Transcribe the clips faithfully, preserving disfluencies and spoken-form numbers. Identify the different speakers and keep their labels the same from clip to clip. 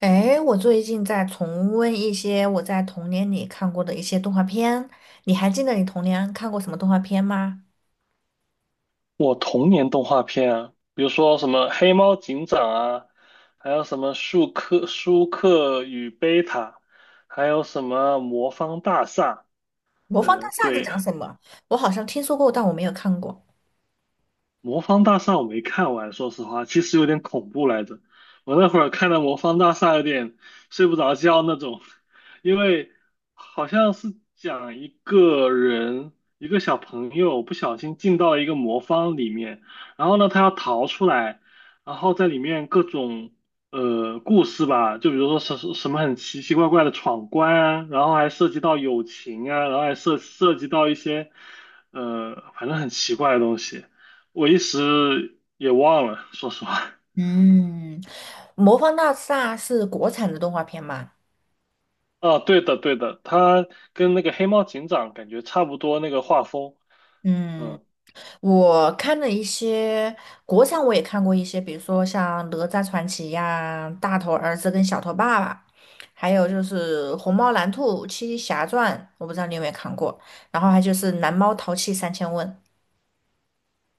Speaker 1: 哎，我最近在重温一些我在童年里看过的一些动画片。你还记得你童年看过什么动画片吗？
Speaker 2: 我童年动画片啊，比如说什么《黑猫警长》啊，还有什么《舒克舒克与贝塔》，还有什么《魔方大厦》。
Speaker 1: 《魔方大
Speaker 2: 呃，
Speaker 1: 厦》是
Speaker 2: 对，
Speaker 1: 讲什么？我好像听说过，但我没有看过。
Speaker 2: 魔方大厦我没看完，说实话，其实有点恐怖来着。我那会儿看的魔方大厦有点睡不着觉那种。因为好像是讲一个人，一个小朋友不小心进到一个魔方里面，然后呢他要逃出来，然后在里面各种呃故事吧，就比如说什什什么很奇奇怪怪的闯关啊，然后还涉及到友情啊，然后还涉涉及到一些呃反正很奇怪的东西。我一时也忘了，说实话。
Speaker 1: 嗯，《魔方大厦》是国产的动画片吗？
Speaker 2: 啊，对的，对的，他跟那个黑猫警长感觉差不多那个画风。
Speaker 1: 嗯。
Speaker 2: 嗯，
Speaker 1: 我看了一些国产，我也看过一些，比如说像《哪吒传奇》呀，《大头儿子跟小头爸爸》，还有就是《虹猫蓝兔七侠传》，我不知道你有没有看过。然后还就是《蓝猫淘气三千问》。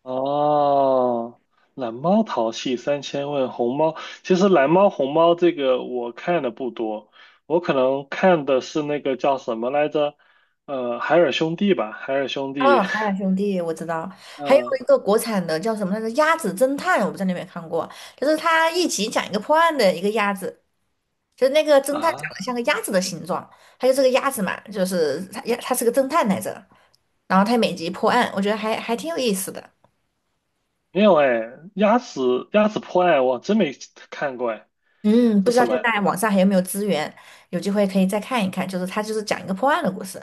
Speaker 2: 哦，蓝猫淘气三千问，红猫，其实蓝猫红猫这个我看的不多，我可能看的是那个叫什么来着？呃，海尔兄弟吧，海尔兄弟。
Speaker 1: 哦，海尔兄弟我知道。还有
Speaker 2: 嗯
Speaker 1: 一个国产的叫什么来着，《鸭子侦探》，我不知道你有没有看过，就是他一集讲一个破案的一个鸭子，就是那个侦探长
Speaker 2: 啊，
Speaker 1: 得像个鸭子的形状，他就这个鸭子嘛，就是他他是个侦探来着。然后他每集破案，我觉得还还挺有意思的。
Speaker 2: 没有哎，鸭子鸭子破案我真没看过哎，
Speaker 1: 嗯，不
Speaker 2: 这
Speaker 1: 知道
Speaker 2: 什么
Speaker 1: 现
Speaker 2: 呀？
Speaker 1: 在网上还有没有资源，有机会可以再看一看。就是他就是讲一个破案的故事。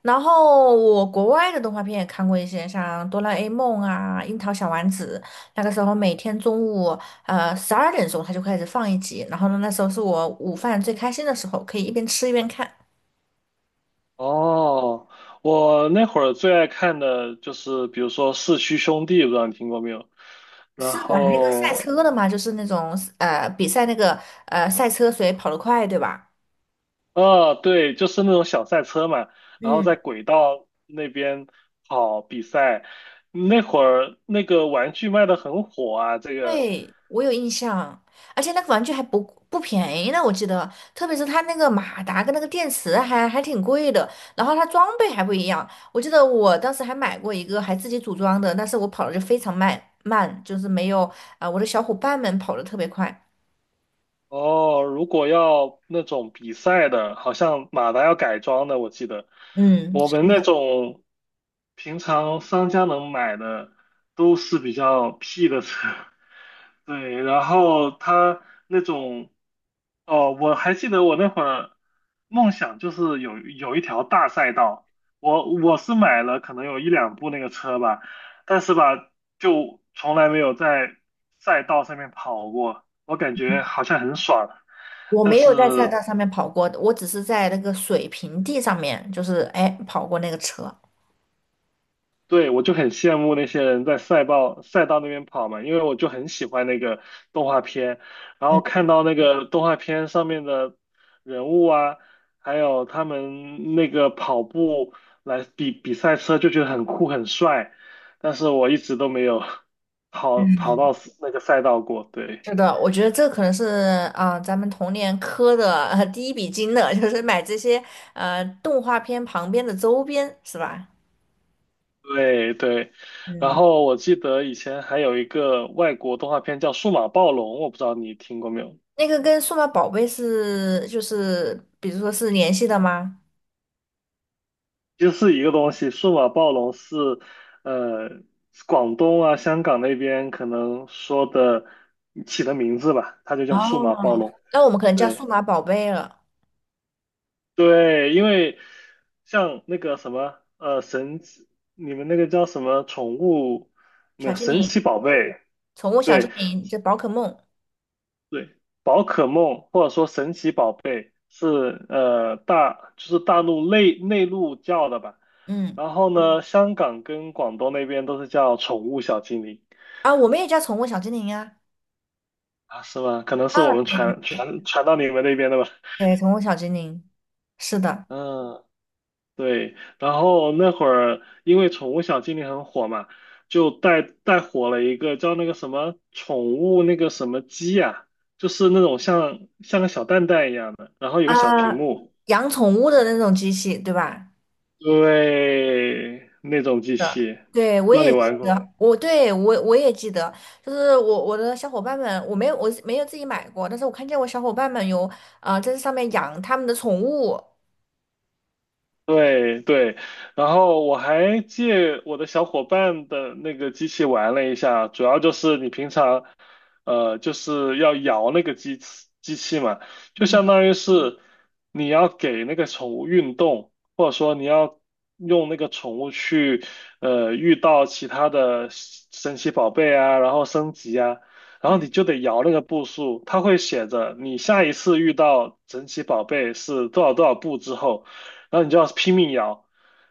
Speaker 1: 然后我国外的动画片也看过一些，像《哆啦 A 梦》啊，《樱桃小丸子》。那个时候每天中午呃十二点钟他就开始放一集，然后呢那时候是我午饭最开心的时候，可以一边吃一边看。
Speaker 2: 哦，我那会儿最爱看的就是，比如说《四驱兄弟》，不知道你听过没有？然
Speaker 1: 是玩那个赛
Speaker 2: 后，
Speaker 1: 车的嘛，就是那种呃比赛那个呃赛车谁跑得快，对吧？
Speaker 2: 啊，对，就是那种小赛车嘛，然后在
Speaker 1: 嗯。
Speaker 2: 轨道那边跑比赛。那会儿那个玩具卖的很火啊。这个
Speaker 1: 对，我有印象，而且那个玩具还不不便宜呢，我记得，特别是它那个马达跟那个电池还还挺贵的，然后它装备还不一样，我记得我当时还买过一个还自己组装的，但是我跑的就非常慢慢，就是没有啊、呃我的小伙伴们跑的特别快。
Speaker 2: 哦，如果要那种比赛的，好像马达要改装的，我记得
Speaker 1: 嗯，
Speaker 2: 我们那种平常商家能买的都是比较屁的车。对，然后他那种，哦，我还记得我那会儿梦想就是有有一条大赛道，我我是买了可能有一两部那个车吧，但是吧，就从来没有在赛道上面跑过，我感觉好像很爽。
Speaker 1: 我
Speaker 2: 但
Speaker 1: 没
Speaker 2: 是
Speaker 1: 有在赛
Speaker 2: 嗯
Speaker 1: 道上面跑过，我只是在那个水平地上面，就是哎跑过那个车。
Speaker 2: 对，我就很羡慕那些人在赛道赛道那边跑嘛，因为我就很喜欢那个动画片，然后
Speaker 1: 嗯。
Speaker 2: 看到那个动画片上面的人物啊，还有他们那个跑步来比比赛车，就觉得很酷很帅，但是我一直都没有跑跑到那个赛道过。对
Speaker 1: 是的，我觉得这可能是啊、呃咱们童年磕的、呃第一笔金的，就是买这些呃动画片旁边的周边，是吧？
Speaker 2: 对对，然
Speaker 1: 嗯，
Speaker 2: 后我记得以前还有一个外国动画片叫《数码暴龙》，我不知道你听过没有。
Speaker 1: 那个跟数码宝贝是就是比如说是联系的吗？
Speaker 2: 就是一个东西，数码暴龙是，呃，广东啊、香港那边可能说的起的名字吧，它就叫数
Speaker 1: 哦，
Speaker 2: 码暴龙。
Speaker 1: 那我们可能叫数
Speaker 2: 对
Speaker 1: 码宝贝了。
Speaker 2: 对，因为像那个什么，呃，神奇，你们那个叫什么宠物，没
Speaker 1: 小
Speaker 2: 有
Speaker 1: 精
Speaker 2: 神奇
Speaker 1: 灵、
Speaker 2: 宝贝。
Speaker 1: 宠物小
Speaker 2: 对，
Speaker 1: 精灵，就宝可梦。
Speaker 2: 对，宝可梦或者说神奇宝贝是呃大就是大陆内内陆叫的吧。
Speaker 1: 嗯。
Speaker 2: 然后嗯呢，香港跟广东那边都是叫宠物小精灵。
Speaker 1: 啊，我们也叫宠物小精灵啊。
Speaker 2: 啊，是吗？可能是我
Speaker 1: 啊，
Speaker 2: 们
Speaker 1: 对对
Speaker 2: 传
Speaker 1: 对
Speaker 2: 传传到你们那边的吧。
Speaker 1: 对，宠物小精灵，是的。
Speaker 2: 嗯，对。然后那会儿因为宠物小精灵很火嘛，就带带火了一个叫那个什么宠物那个什么鸡呀、就是那种像像个小蛋蛋一样的，然后有个小屏
Speaker 1: 啊，
Speaker 2: 幕。
Speaker 1: 养宠物的那种机器，对吧？
Speaker 2: 对，那种机器，
Speaker 1: 对，我
Speaker 2: 不知道你
Speaker 1: 也记
Speaker 2: 玩过。
Speaker 1: 得，我对我我也记得，就是我我的小伙伴们，我没有我没有自己买过，但是我看见我小伙伴们有啊在这上面养他们的宠物。
Speaker 2: 对对，然后我还借我的小伙伴的那个机器玩了一下，主要就是你平常，呃，就是要摇那个机器机器嘛，就
Speaker 1: 嗯。
Speaker 2: 相当于是你要给那个宠物运动，或者说你要用那个宠物去，呃，遇到其他的神奇宝贝啊，然后升级啊，然后
Speaker 1: 嗯。
Speaker 2: 你就得摇那个步数，它会写着你下一次遇到神奇宝贝是多少多少步之后。然后你就要拼命摇，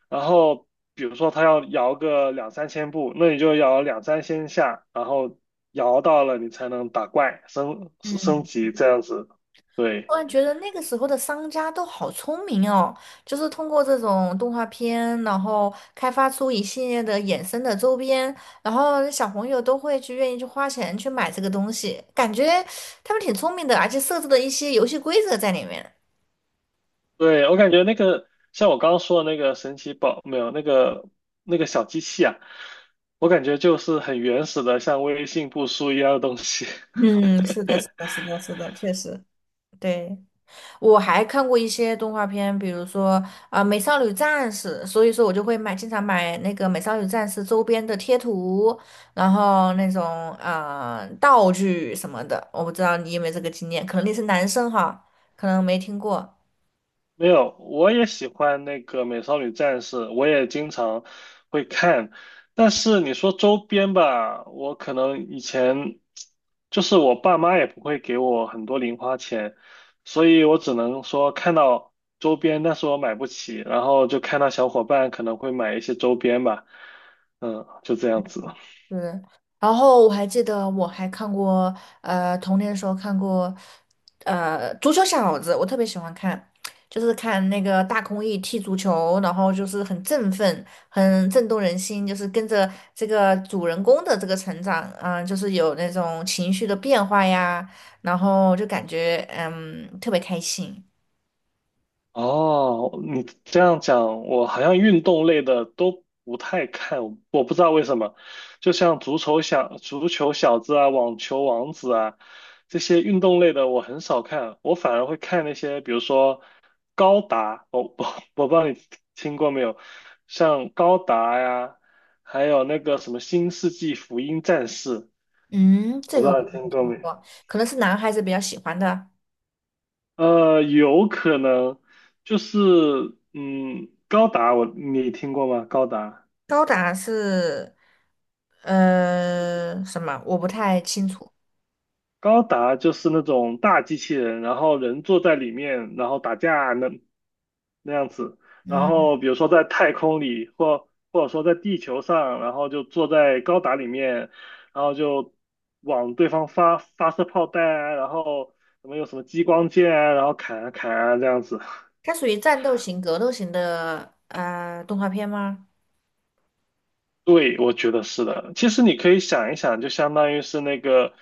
Speaker 2: 然后比如说他要摇个两三千步，那你就摇两三千下，然后摇到了你才能打怪升升
Speaker 1: 嗯，
Speaker 2: 级这样子。对
Speaker 1: 突然觉得那个时候的商家都好聪明哦，就是通过这种动画片，然后开发出一系列的衍生的周边，然后小朋友都会去愿意去花钱去买这个东西，感觉他们挺聪明的，而且设置了一些游戏规则在里面。
Speaker 2: 对，我感觉那个像我刚刚说的那个神奇宝没有那个那个小机器啊，我感觉就是很原始的像微信步数一样的东西。
Speaker 1: 嗯，是的，是的，是的，是的，确实，对，我还看过一些动画片，比如说啊，呃美少女战士》，所以说我就会买，经常买那个《美少女战士》周边的贴图，然后那种啊、呃道具什么的。我不知道你有没有这个经验，可能你是男生哈，可能没听过。
Speaker 2: 没有，我也喜欢那个《美少女战士》，我也经常会看。但是你说周边吧，我可能以前就是我爸妈也不会给我很多零花钱，所以我只能说看到周边，但是我买不起，然后就看到小伙伴可能会买一些周边吧，嗯，就这样子。
Speaker 1: 对，然后我还记得我还看过，呃，童年的时候看过，呃，足球小子，我特别喜欢看，就是看那个大空翼踢足球，然后就是很振奋，很震动人心，就是跟着这个主人公的这个成长，嗯、就是有那种情绪的变化呀，然后就感觉嗯特别开心。
Speaker 2: 哦，你这样讲，我好像运动类的都不太看，我不知道为什么。就像足球小足球小子啊、网球王子啊这些运动类的，我很少看，我反而会看那些，比如说高达，我我我不知道你听过没有，像高达呀，还有那个什么《新世纪福音战士》，
Speaker 1: 嗯，
Speaker 2: 我
Speaker 1: 这
Speaker 2: 不
Speaker 1: 个
Speaker 2: 知道
Speaker 1: 我
Speaker 2: 你
Speaker 1: 没
Speaker 2: 听过
Speaker 1: 听
Speaker 2: 没？
Speaker 1: 过，可能是男孩子比较喜欢的。
Speaker 2: 呃，有可能就是嗯，高达我你听过吗？高达，
Speaker 1: 高达是呃什么？我不太清楚。
Speaker 2: 高达就是那种大机器人，然后人坐在里面，然后打架那那样子。然
Speaker 1: 嗯，
Speaker 2: 后比如说在太空里，或或者说在地球上，然后就坐在高达里面，然后就往对方发发射炮弹啊，然后什么有什么激光剑啊，然后砍啊砍啊这样子。
Speaker 1: 它属于战斗型、格斗型的呃动画片吗？
Speaker 2: 对，我觉得是的。其实你可以想一想，就相当于是那个，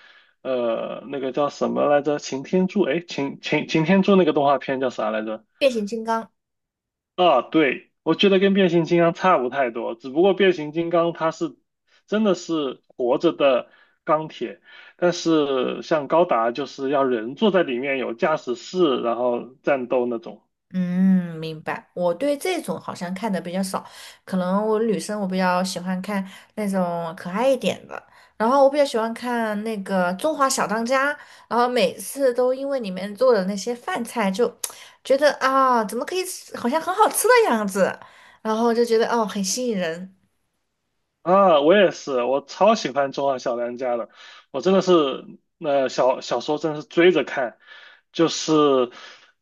Speaker 2: 呃，那个叫什么来着？擎天柱，哎，擎擎擎天柱那个动画片叫啥来着？
Speaker 1: 变形金刚。
Speaker 2: 啊，对，我觉得跟变形金刚差不太多，只不过变形金刚它是真的是活着的钢铁，但是像高达就是要人坐在里面有驾驶室，然后战斗那种。
Speaker 1: 嗯，明白。我对这种好像看的比较少，可能我女生我比较喜欢看那种可爱一点的，然后我比较喜欢看那个《中华小当家》，然后每次都因为里面做的那些饭菜就觉得啊，怎么可以吃好像很好吃的样子，然后就觉得哦很吸引人。
Speaker 2: 啊，我也是，我超喜欢《中华小当家》的，我真的是，呃，小小时候真的是追着看，就是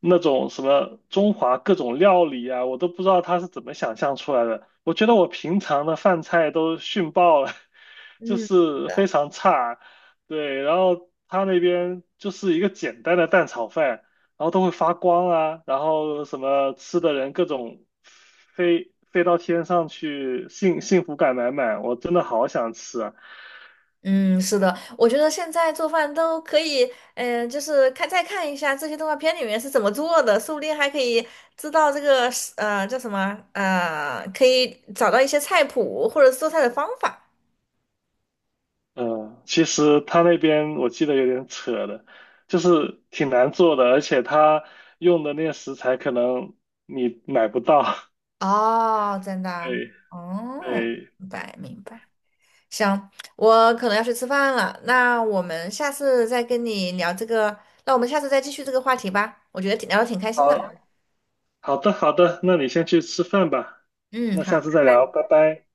Speaker 2: 那种什么中华各种料理啊，我都不知道他是怎么想象出来的。我觉得我平常的饭菜都逊爆了，就
Speaker 1: 嗯。
Speaker 2: 是非常差。对，然后他那边就是一个简单的蛋炒饭，然后都会发光啊，然后什么吃的人各种飞飞到天上去，幸幸福感满满，我真的好想吃啊。
Speaker 1: 嗯，是的，我觉得现在做饭都可以，嗯、就是看再看一下这些动画片里面是怎么做的，说不定还可以知道这个是呃叫什么呃，可以找到一些菜谱或者是做菜的方法。
Speaker 2: 嗯，其实他那边我记得有点扯的，就是挺难做的，而且他用的那些食材可能你买不到。
Speaker 1: 哦，真的啊，
Speaker 2: 对
Speaker 1: 哦，
Speaker 2: 对，
Speaker 1: 明白明白。行，我可能要去吃饭了，那我们下次再跟你聊这个，那我们下次再继续这个话题吧，我觉得挺聊的挺开心的。
Speaker 2: 好，好的好的，那你先去吃饭吧，
Speaker 1: 嗯，
Speaker 2: 那
Speaker 1: 好。
Speaker 2: 下次再聊，拜拜。